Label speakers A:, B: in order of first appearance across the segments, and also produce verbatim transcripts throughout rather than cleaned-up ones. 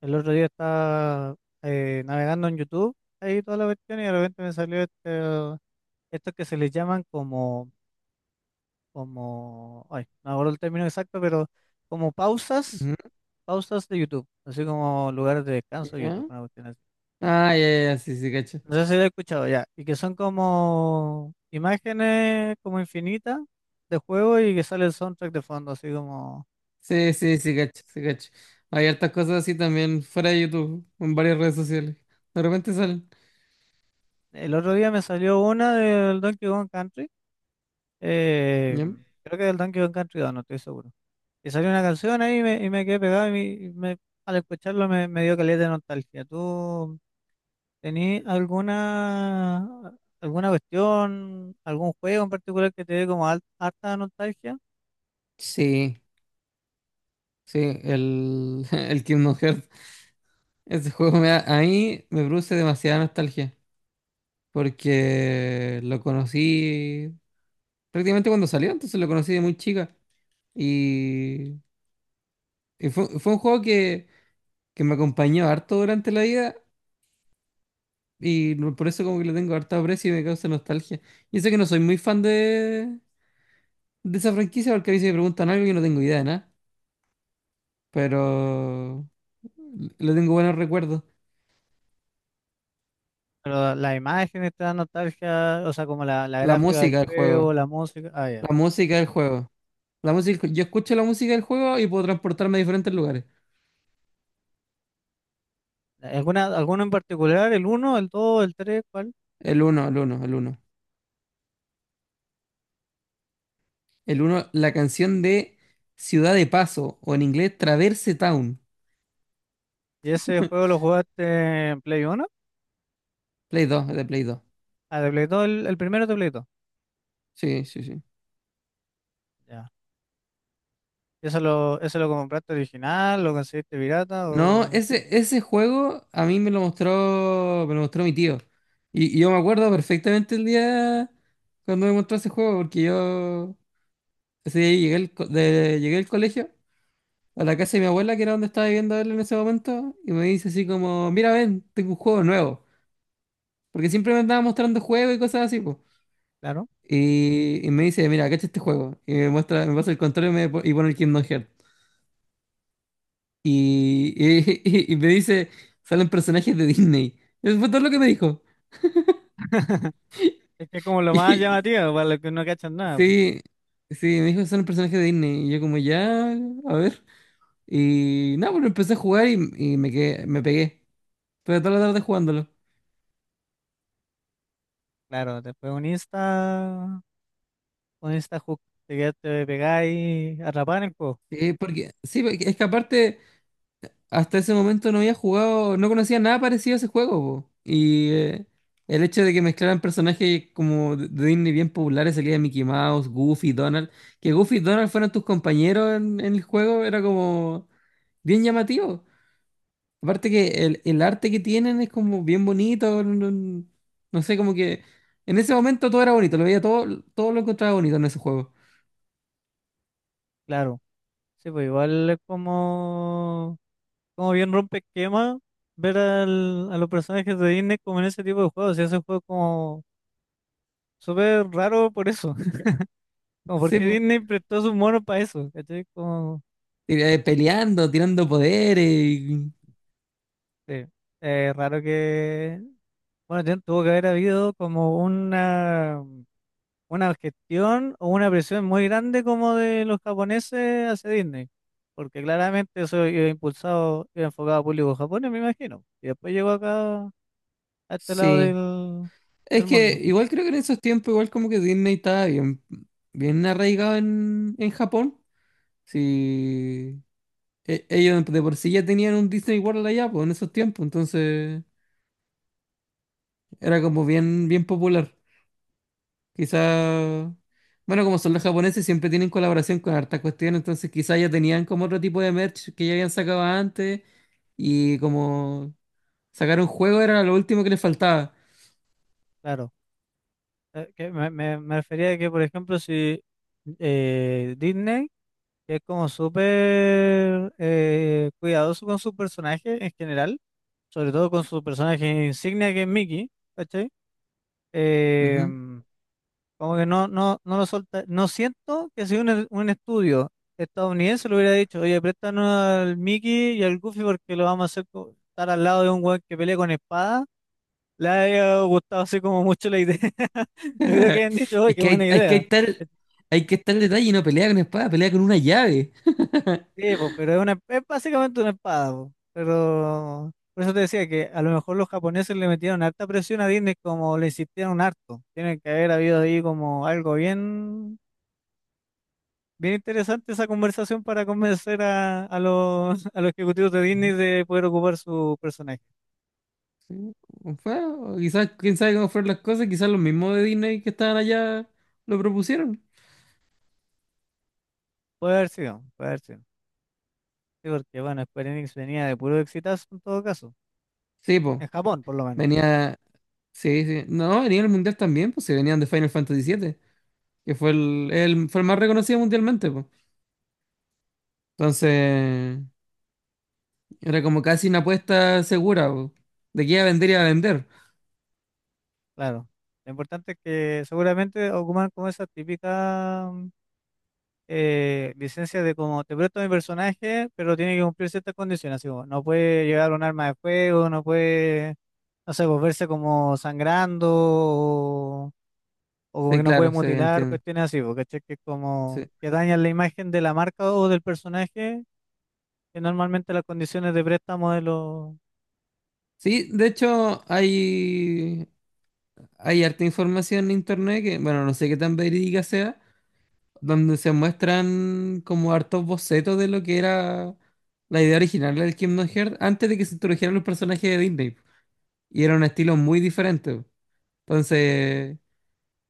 A: El otro día estaba eh, navegando en YouTube, ahí toda la cuestión, y de repente me salió este, estos que se les llaman como, como, ay, no acuerdo el término exacto, pero como pausas,
B: Ujú.
A: pausas de YouTube, así como lugares de descanso de
B: ¿Ya?
A: YouTube, una cuestión así.
B: Ah, ya, ya, ya, sí, sí, cacho.
A: No sé si lo he escuchado ya, y que son como imágenes como infinitas de juego y que sale el soundtrack de fondo, así como...
B: Sí, sí, sí, cacho, sí, cacho. Hay hartas cosas así también fuera de YouTube, en varias redes sociales. De repente salen.
A: El otro día me salió una del Donkey Kong Country, eh,
B: ¿Ya?
A: creo que del Donkey Kong Country dos, no estoy seguro. Y salió una canción ahí y me, y me quedé pegado y, me, y me- al escucharlo me, me dio caleta de nostalgia. ¿Tú tenías alguna, alguna cuestión, algún juego en particular que te dé como al- harta nostalgia?
B: Sí, sí, el, el Kingdom Hearts. Ese juego me da- a mí me produce demasiada nostalgia, porque lo conocí prácticamente cuando salió, entonces lo conocí de muy chica. Y, y fue, fue un juego que, que me acompañó harto durante la vida. Y no- por eso como que le tengo harta aprecio y me causa nostalgia. Y sé que no soy muy fan de, de esa franquicia porque a veces me preguntan algo y no tengo idea de nada. Pero le tengo buenos recuerdos.
A: Pero las imágenes te dan nostalgia, o sea, como la, la
B: La
A: gráfica del
B: música del
A: juego,
B: juego.
A: la música. Ah, ya.
B: La música del juego. La música, yo escucho la música del juego y puedo transportarme a diferentes lugares.
A: ¿Alguna, alguno en particular? ¿El uno, el dos, el tres? ¿Cuál?
B: El uno, el uno, el uno. El uno, la canción de Ciudad de Paso, o en inglés Traverse Town.
A: ¿Y ese juego lo jugaste en Play uno?
B: Play dos, de Play dos.
A: Ah, de Play dos, el, el primero de Play dos.
B: Sí, sí, sí.
A: Ya. ¿Y eso lo, eso lo compraste original? ¿Lo conseguiste pirata?
B: No,
A: O...
B: ese, ese juego a mí me lo mostró, me lo mostró mi tío. Y, y yo me acuerdo perfectamente el día cuando me mostró ese juego, porque yo ese día llegué, al co- de- llegué al colegio, a la casa de mi abuela, que era donde estaba viviendo él en ese momento, y me dice así como, mira, ven, tengo un juego nuevo. Porque siempre me andaba mostrando juegos y cosas así, pues.
A: Claro.
B: Y, y me dice, mira, cacha este juego. Y me muestra, me pasa el control y, me, po- y pone el Kingdom Hearts. Y, y, y me dice, salen personajes de Disney. Eso fue todo lo que me dijo.
A: Es que como lo más
B: Y-
A: llamativo, para lo que uno cacha nada, po.
B: sí, sí, me dijo, son un personaje de Disney. Y yo como, ya, a ver. Y nada, pero empecé a jugar y, y me quedé, me pegué. Pero toda la tarde jugándolo.
A: Claro, después un Insta, un Insta hook, te quedas- te pegáis a rapar en el juego.
B: Sí, porque, sí, porque es que aparte, hasta ese momento no había jugado, no conocía nada parecido a ese juego, po. Y eh, el hecho de que mezclaran personajes como de de Disney bien populares, salía Mickey Mouse, Goofy, Donald, que Goofy y Donald fueran tus compañeros en, en el juego, era como bien llamativo. Aparte que el, el arte que tienen es como bien bonito, no, no- no sé, como que en ese momento todo era bonito, lo veía todo, todo lo encontraba bonito en ese juego.
A: Claro. Sí, pues igual es como, como bien rompe esquema ver al- a los personajes de Disney como en ese tipo de juegos. Y ese juego es como súper raro por eso. Como
B: Sí,
A: porque
B: po.
A: Disney prestó sus monos para eso. ¿Cachai? Como,
B: Eh, peleando, tirando poderes. y-
A: sí. Eh, raro que. Bueno, tien- tuvo que haber habido como una. Una gestión o una presión muy grande como de los japoneses hacia Disney, porque claramente eso iba impulsado, iba enfocado a público japonés, me imagino, y después llegó acá, a este lado
B: Sí.
A: del,
B: Es
A: del
B: que
A: mundo,
B: igual creo que en esos tiempos, igual como que Disney estaba bien, bien arraigado en, en Japón. Sí. E- ellos de por sí ya tenían un Disney World allá, pues en esos tiempos, entonces era como bien, bien popular. Quizá, bueno, como son los japoneses, siempre tienen colaboración con hartas cuestiones, entonces quizá ya tenían como otro tipo de merch que ya habían sacado antes y como sacar un juego era lo último que les faltaba.
A: claro. Eh, que me, me, me refería a que, por ejemplo, si eh, Disney, que es como súper eh, cuidadoso con su personaje en general, sobre todo con su personaje insignia que es Mickey, ¿cachai? Eh,
B: Ujú.
A: Como que no, no, no lo solta. No siento que si un, un estudio estadounidense le hubiera dicho, oye, préstanos al Mickey y al Goofy porque lo vamos a hacer co- estar al lado de un weón que pelea con espada, le haya gustado así como mucho la idea. No creo que hayan dicho, oye,
B: Es
A: qué
B: que hay,
A: buena
B: hay que
A: idea.
B: estar,
A: Eh,
B: hay que estar detalle y no pelea con espada, pelea con una llave.
A: Sí, po, pero es, una, es básicamente una espada, po. Pero por eso te decía que a lo mejor los japoneses le metieron harta presión a Disney, como le insistieron harto. Tiene que haber habido ahí como algo bien. Bien interesante esa conversación para convencer a, a los, a los ejecutivos de
B: Ujú.
A: Disney de poder ocupar su personaje.
B: Sí, o fue- o quizás, quién sabe cómo fueron las cosas, quizás los mismos de Disney que estaban allá lo propusieron.
A: Puede haber sido, puede haber sido. Sí, porque bueno, Square Enix venía de puro exitazo en todo caso.
B: Sí, pues,
A: En Japón, por lo menos,
B: venía, sí, sí, no, venía el Mundial también, pues se venían de Final Fantasy siete, que fue el, el- fue el más reconocido mundialmente, po. Entonces, era como casi una apuesta segura, po. De que iba a vender, y iba a vender.
A: claro. Lo importante es que seguramente ocupan como esa típica mm, eh, licencia de como te presto mi personaje, pero tiene que cumplir ciertas condiciones. Así como, no puede llevar un arma de fuego, no puede, no sé, volverse como sangrando o como
B: Sí,
A: que no puede
B: claro, se
A: mutilar,
B: entiende.
A: cuestiones así, porque que es
B: Sí.
A: como que dañan la imagen de la marca o del personaje, que normalmente las condiciones de préstamo de los...
B: Sí, de hecho, hay, hay harta información en internet que, bueno, no sé qué tan verídica sea, donde se muestran como hartos bocetos de lo que era la idea original del Kingdom Hearts antes de que se introdujeran los personajes de Disney. Y era un estilo muy diferente. Entonces,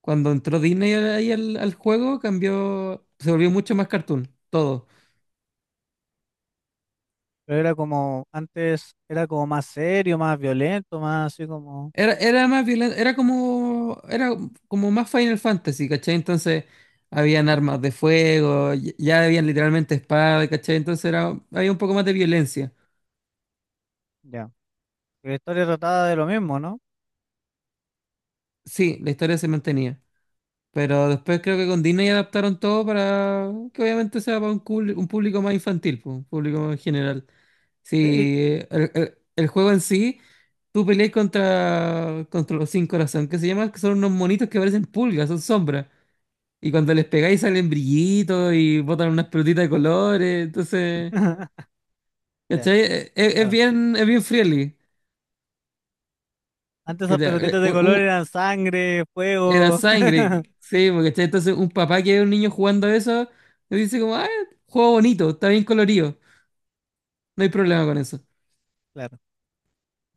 B: cuando entró Disney ahí al, al juego, cambió, se volvió mucho más cartoon, todo.
A: Pero era como, antes era como más serio, más violento, más así como,
B: Era, era más violento, era como, era como más Final Fantasy, ¿cachai? Entonces habían armas de fuego, y- ya habían literalmente espadas, ¿cachai? Entonces era, había un poco más de violencia.
A: ya. Y la historia trataba de lo mismo, ¿no?
B: Sí, la historia se mantenía. Pero después creo que con Disney adaptaron todo para que obviamente sea para un, cul- un público más infantil, pues, un público más general.
A: Sí.
B: Si el, el- el juego en sí, tú peleas contra, contra los sin corazón, que se llaman, que son unos monitos que parecen pulgas, son sombras. Y cuando les pegáis salen brillitos y botan unas pelotitas de colores, entonces,
A: Ya,
B: ¿cachai? Es, es
A: claro.
B: bien, es bien friendly.
A: Antes esas
B: ¿Cachai? Eh,
A: pelotitas de
B: un-
A: color
B: un-
A: eran sangre,
B: Era
A: fuego,
B: sangre, sí, porque, ¿cachai? Entonces un papá que ve a un niño jugando eso, le dice como, ah, juego bonito, está bien colorido, no hay problema con eso.
A: claro.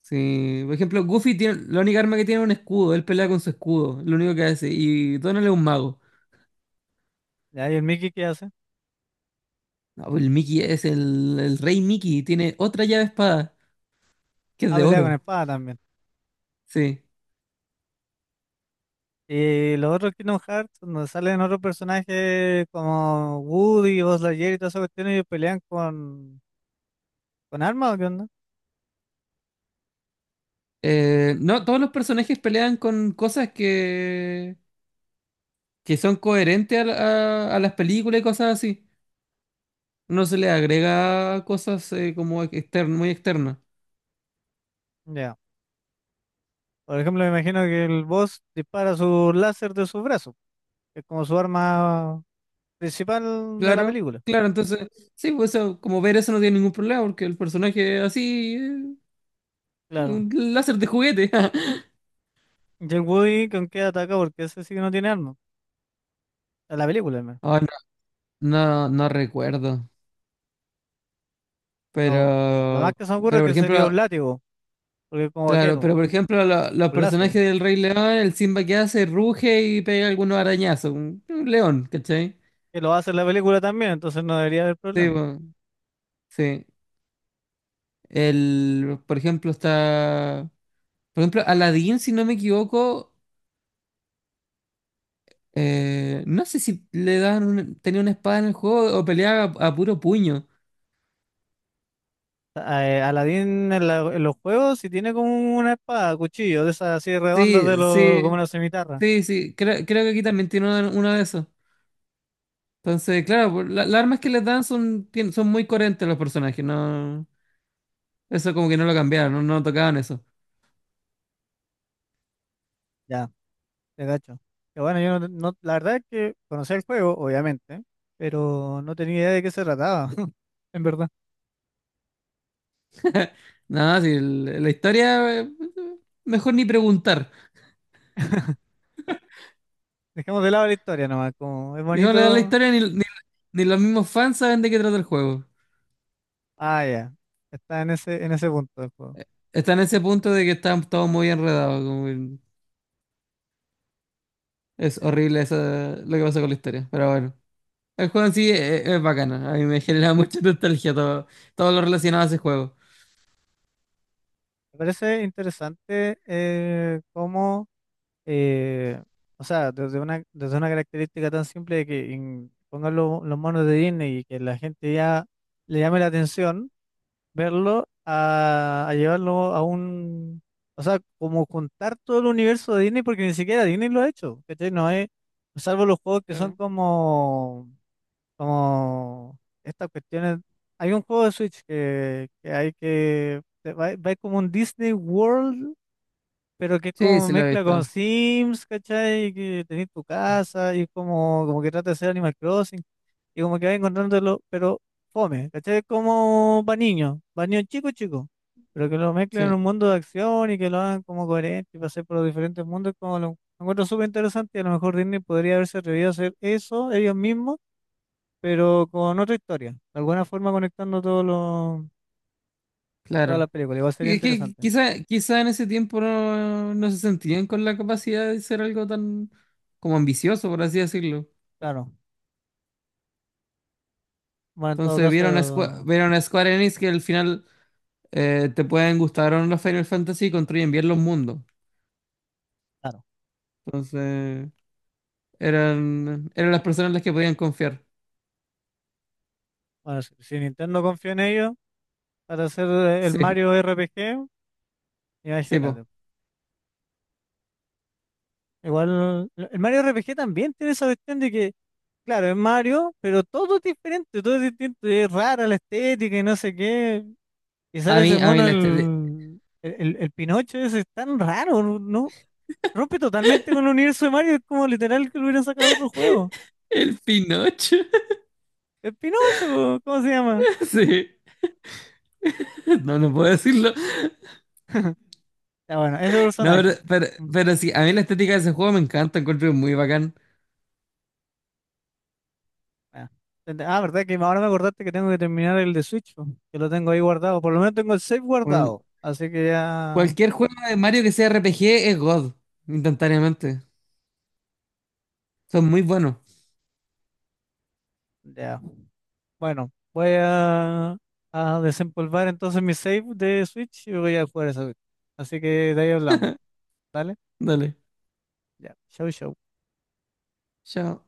B: Sí, por ejemplo, Goofy tiene, la única arma que tiene es un escudo, él pelea con su escudo, lo único que hace, y Donald es un mago.
A: Ya, ¿y el Mickey, qué hace?
B: No, pues el Mickey es el, el rey Mickey, tiene otra llave espada, que es
A: Ah,
B: de
A: pelea con
B: oro,
A: espada también.
B: sí.
A: Y los otros Kingdom Hearts, donde salen otros personajes como Woody, Buzz Lightyear y todas esas cuestiones, ¿y pelean con, con armas o qué onda?
B: Eh, no, todos los personajes pelean con cosas que, que son coherentes a, la- a- a las películas y cosas así. No se le agrega cosas eh, como externo, muy externas.
A: Ya. Por ejemplo, me imagino que el boss dispara su láser de su brazo, que es como su arma principal de la
B: Claro,
A: película.
B: claro, entonces, sí, pues eso, como ver eso no tiene ningún problema, porque el personaje es así, eh,
A: Claro.
B: un láser de juguete.
A: Y el Woody, ¿con qué ataca? Porque ese sí que no tiene arma. En la película, al menos.
B: Ay, no, no, no recuerdo.
A: Lo, lo más
B: Pero,
A: que se me ocurre
B: pero
A: es
B: por
A: que sería
B: ejemplo,
A: un látigo, porque es como
B: claro,
A: vaquero,
B: pero por ejemplo, lo- los
A: un lazo,
B: personajes
A: que
B: del Rey León, el Simba que hace, ruge y pega algunos arañazos. Un, un león, ¿cachai?
A: que lo hace en la película también, entonces no debería haber
B: Sí,
A: problema.
B: po, sí. El, por ejemplo, está. Por ejemplo, Aladdin, si no me equivoco, eh, no sé si le daban un- tenía una espada en el juego o peleaba a, a puro puño.
A: Eh, Aladdin en, la- en los juegos sí tiene como una espada, cuchillo, de esas así redondas de
B: Sí,
A: los, como una
B: sí,
A: cimitarra.
B: sí, sí. Creo, creo que aquí también tiene uno, uno de esos. Entonces, claro, pues, la- las armas que les dan son, tien- son muy coherentes los personajes, no, eso como que no lo cambiaron, no, no tocaban eso.
A: Ya, te cacho. Que bueno, yo no, no- la verdad es que conocía el juego, obviamente, pero no tenía idea de qué se trataba, en verdad.
B: Nada, si el- la historia, eh, mejor ni preguntar.
A: Dejemos de lado la historia nomás, como es
B: Digámosle a la
A: bonito.
B: historia, ni, ni, ni los mismos fans saben de qué trata el juego.
A: Ah, ya. Está en ese, en ese punto del juego.
B: Está en ese punto de que están todos muy enredados, como que es
A: Ya.
B: horrible esa, lo que pasa con la historia, pero bueno. El juego en sí es, es bacano, a mí me genera mucha nostalgia todo, todo lo relacionado a ese juego.
A: Me parece interesante eh, cómo eh, o sea, desde una, desde una característica tan simple de que en- pongan lo- los monos de Disney y que la gente ya le llame la atención, verlo a, a llevarlo a un, o sea, como juntar todo el universo de Disney, porque ni siquiera Disney lo ha hecho, ¿cachai? No es, salvo los juegos que son
B: Claro.
A: como, como estas cuestiones. Hay un juego de Switch que, que hay que, va- va como un Disney World pero que es
B: Sí,
A: como
B: sí lo he
A: mezcla con
B: visto.
A: Sims, ¿cachai? Que tenés tu casa y es como, como que trata de ser Animal Crossing y como que vas encontrándolo, pero fome, ¿cachai? Es como para niños, para niños chicos, chicos, pero que lo mezclen en
B: Sí.
A: un mundo de acción y que lo hagan como coherente y pasar por los diferentes mundos, como lo, lo encuentro súper interesante y a lo mejor Disney podría haberse atrevido a hacer eso ellos mismos, pero con otra historia, de alguna forma conectando todos los, todas
B: Claro.
A: las películas, igual sería
B: Y es que
A: interesante,
B: quizá, quizá en ese tiempo no, no se sentían con la capacidad de ser algo tan como ambicioso, por así decirlo.
A: claro. Bueno, en todo
B: Entonces vieron a, Squa-
A: caso,
B: vieron a Square Enix que al final eh, te pueden gustar o no los Final Fantasy y construyen bien los mundos.
A: claro.
B: Entonces eran, eran las personas en las que podían confiar.
A: Bueno, si, si Nintendo confía en ellos para hacer eh, el
B: Sí,
A: Mario R P G,
B: sí, po.
A: imagínate. Igual, el Mario R P G también tiene esa cuestión de que, claro, es Mario, pero todo es diferente, todo es distinto, es rara la estética y no sé qué. Y sale
B: A
A: ese
B: mí, a mí
A: mono,
B: la estética.
A: el, el, el- Pinocho ese, es tan raro, no, no- rompe totalmente con el universo de Mario, es como literal que lo hubieran sacado otro juego.
B: El Pinocho.
A: El Pinocho, po, ¿cómo se llama?
B: Sí. No, no puedo decirlo.
A: Ya bueno, ese
B: No, pero,
A: personaje.
B: pero, pero sí, a mí la estética de ese juego me encanta, encuentro muy bacán.
A: Ah, ent- ah, Verdad que ahora me acordaste que tengo que terminar el de Switch, po, que lo tengo ahí guardado. Por lo menos tengo el save guardado. Así que ya,
B: Cualquier juego de Mario que sea R P G es God, instantáneamente. Son muy buenos.
A: ya. Bueno, voy a, a desempolvar entonces mi save de Switch y voy a jugar esa vez. Así que de ahí hablamos. ¿Dale?
B: Dale,
A: Ya. Chau, chau.
B: chao.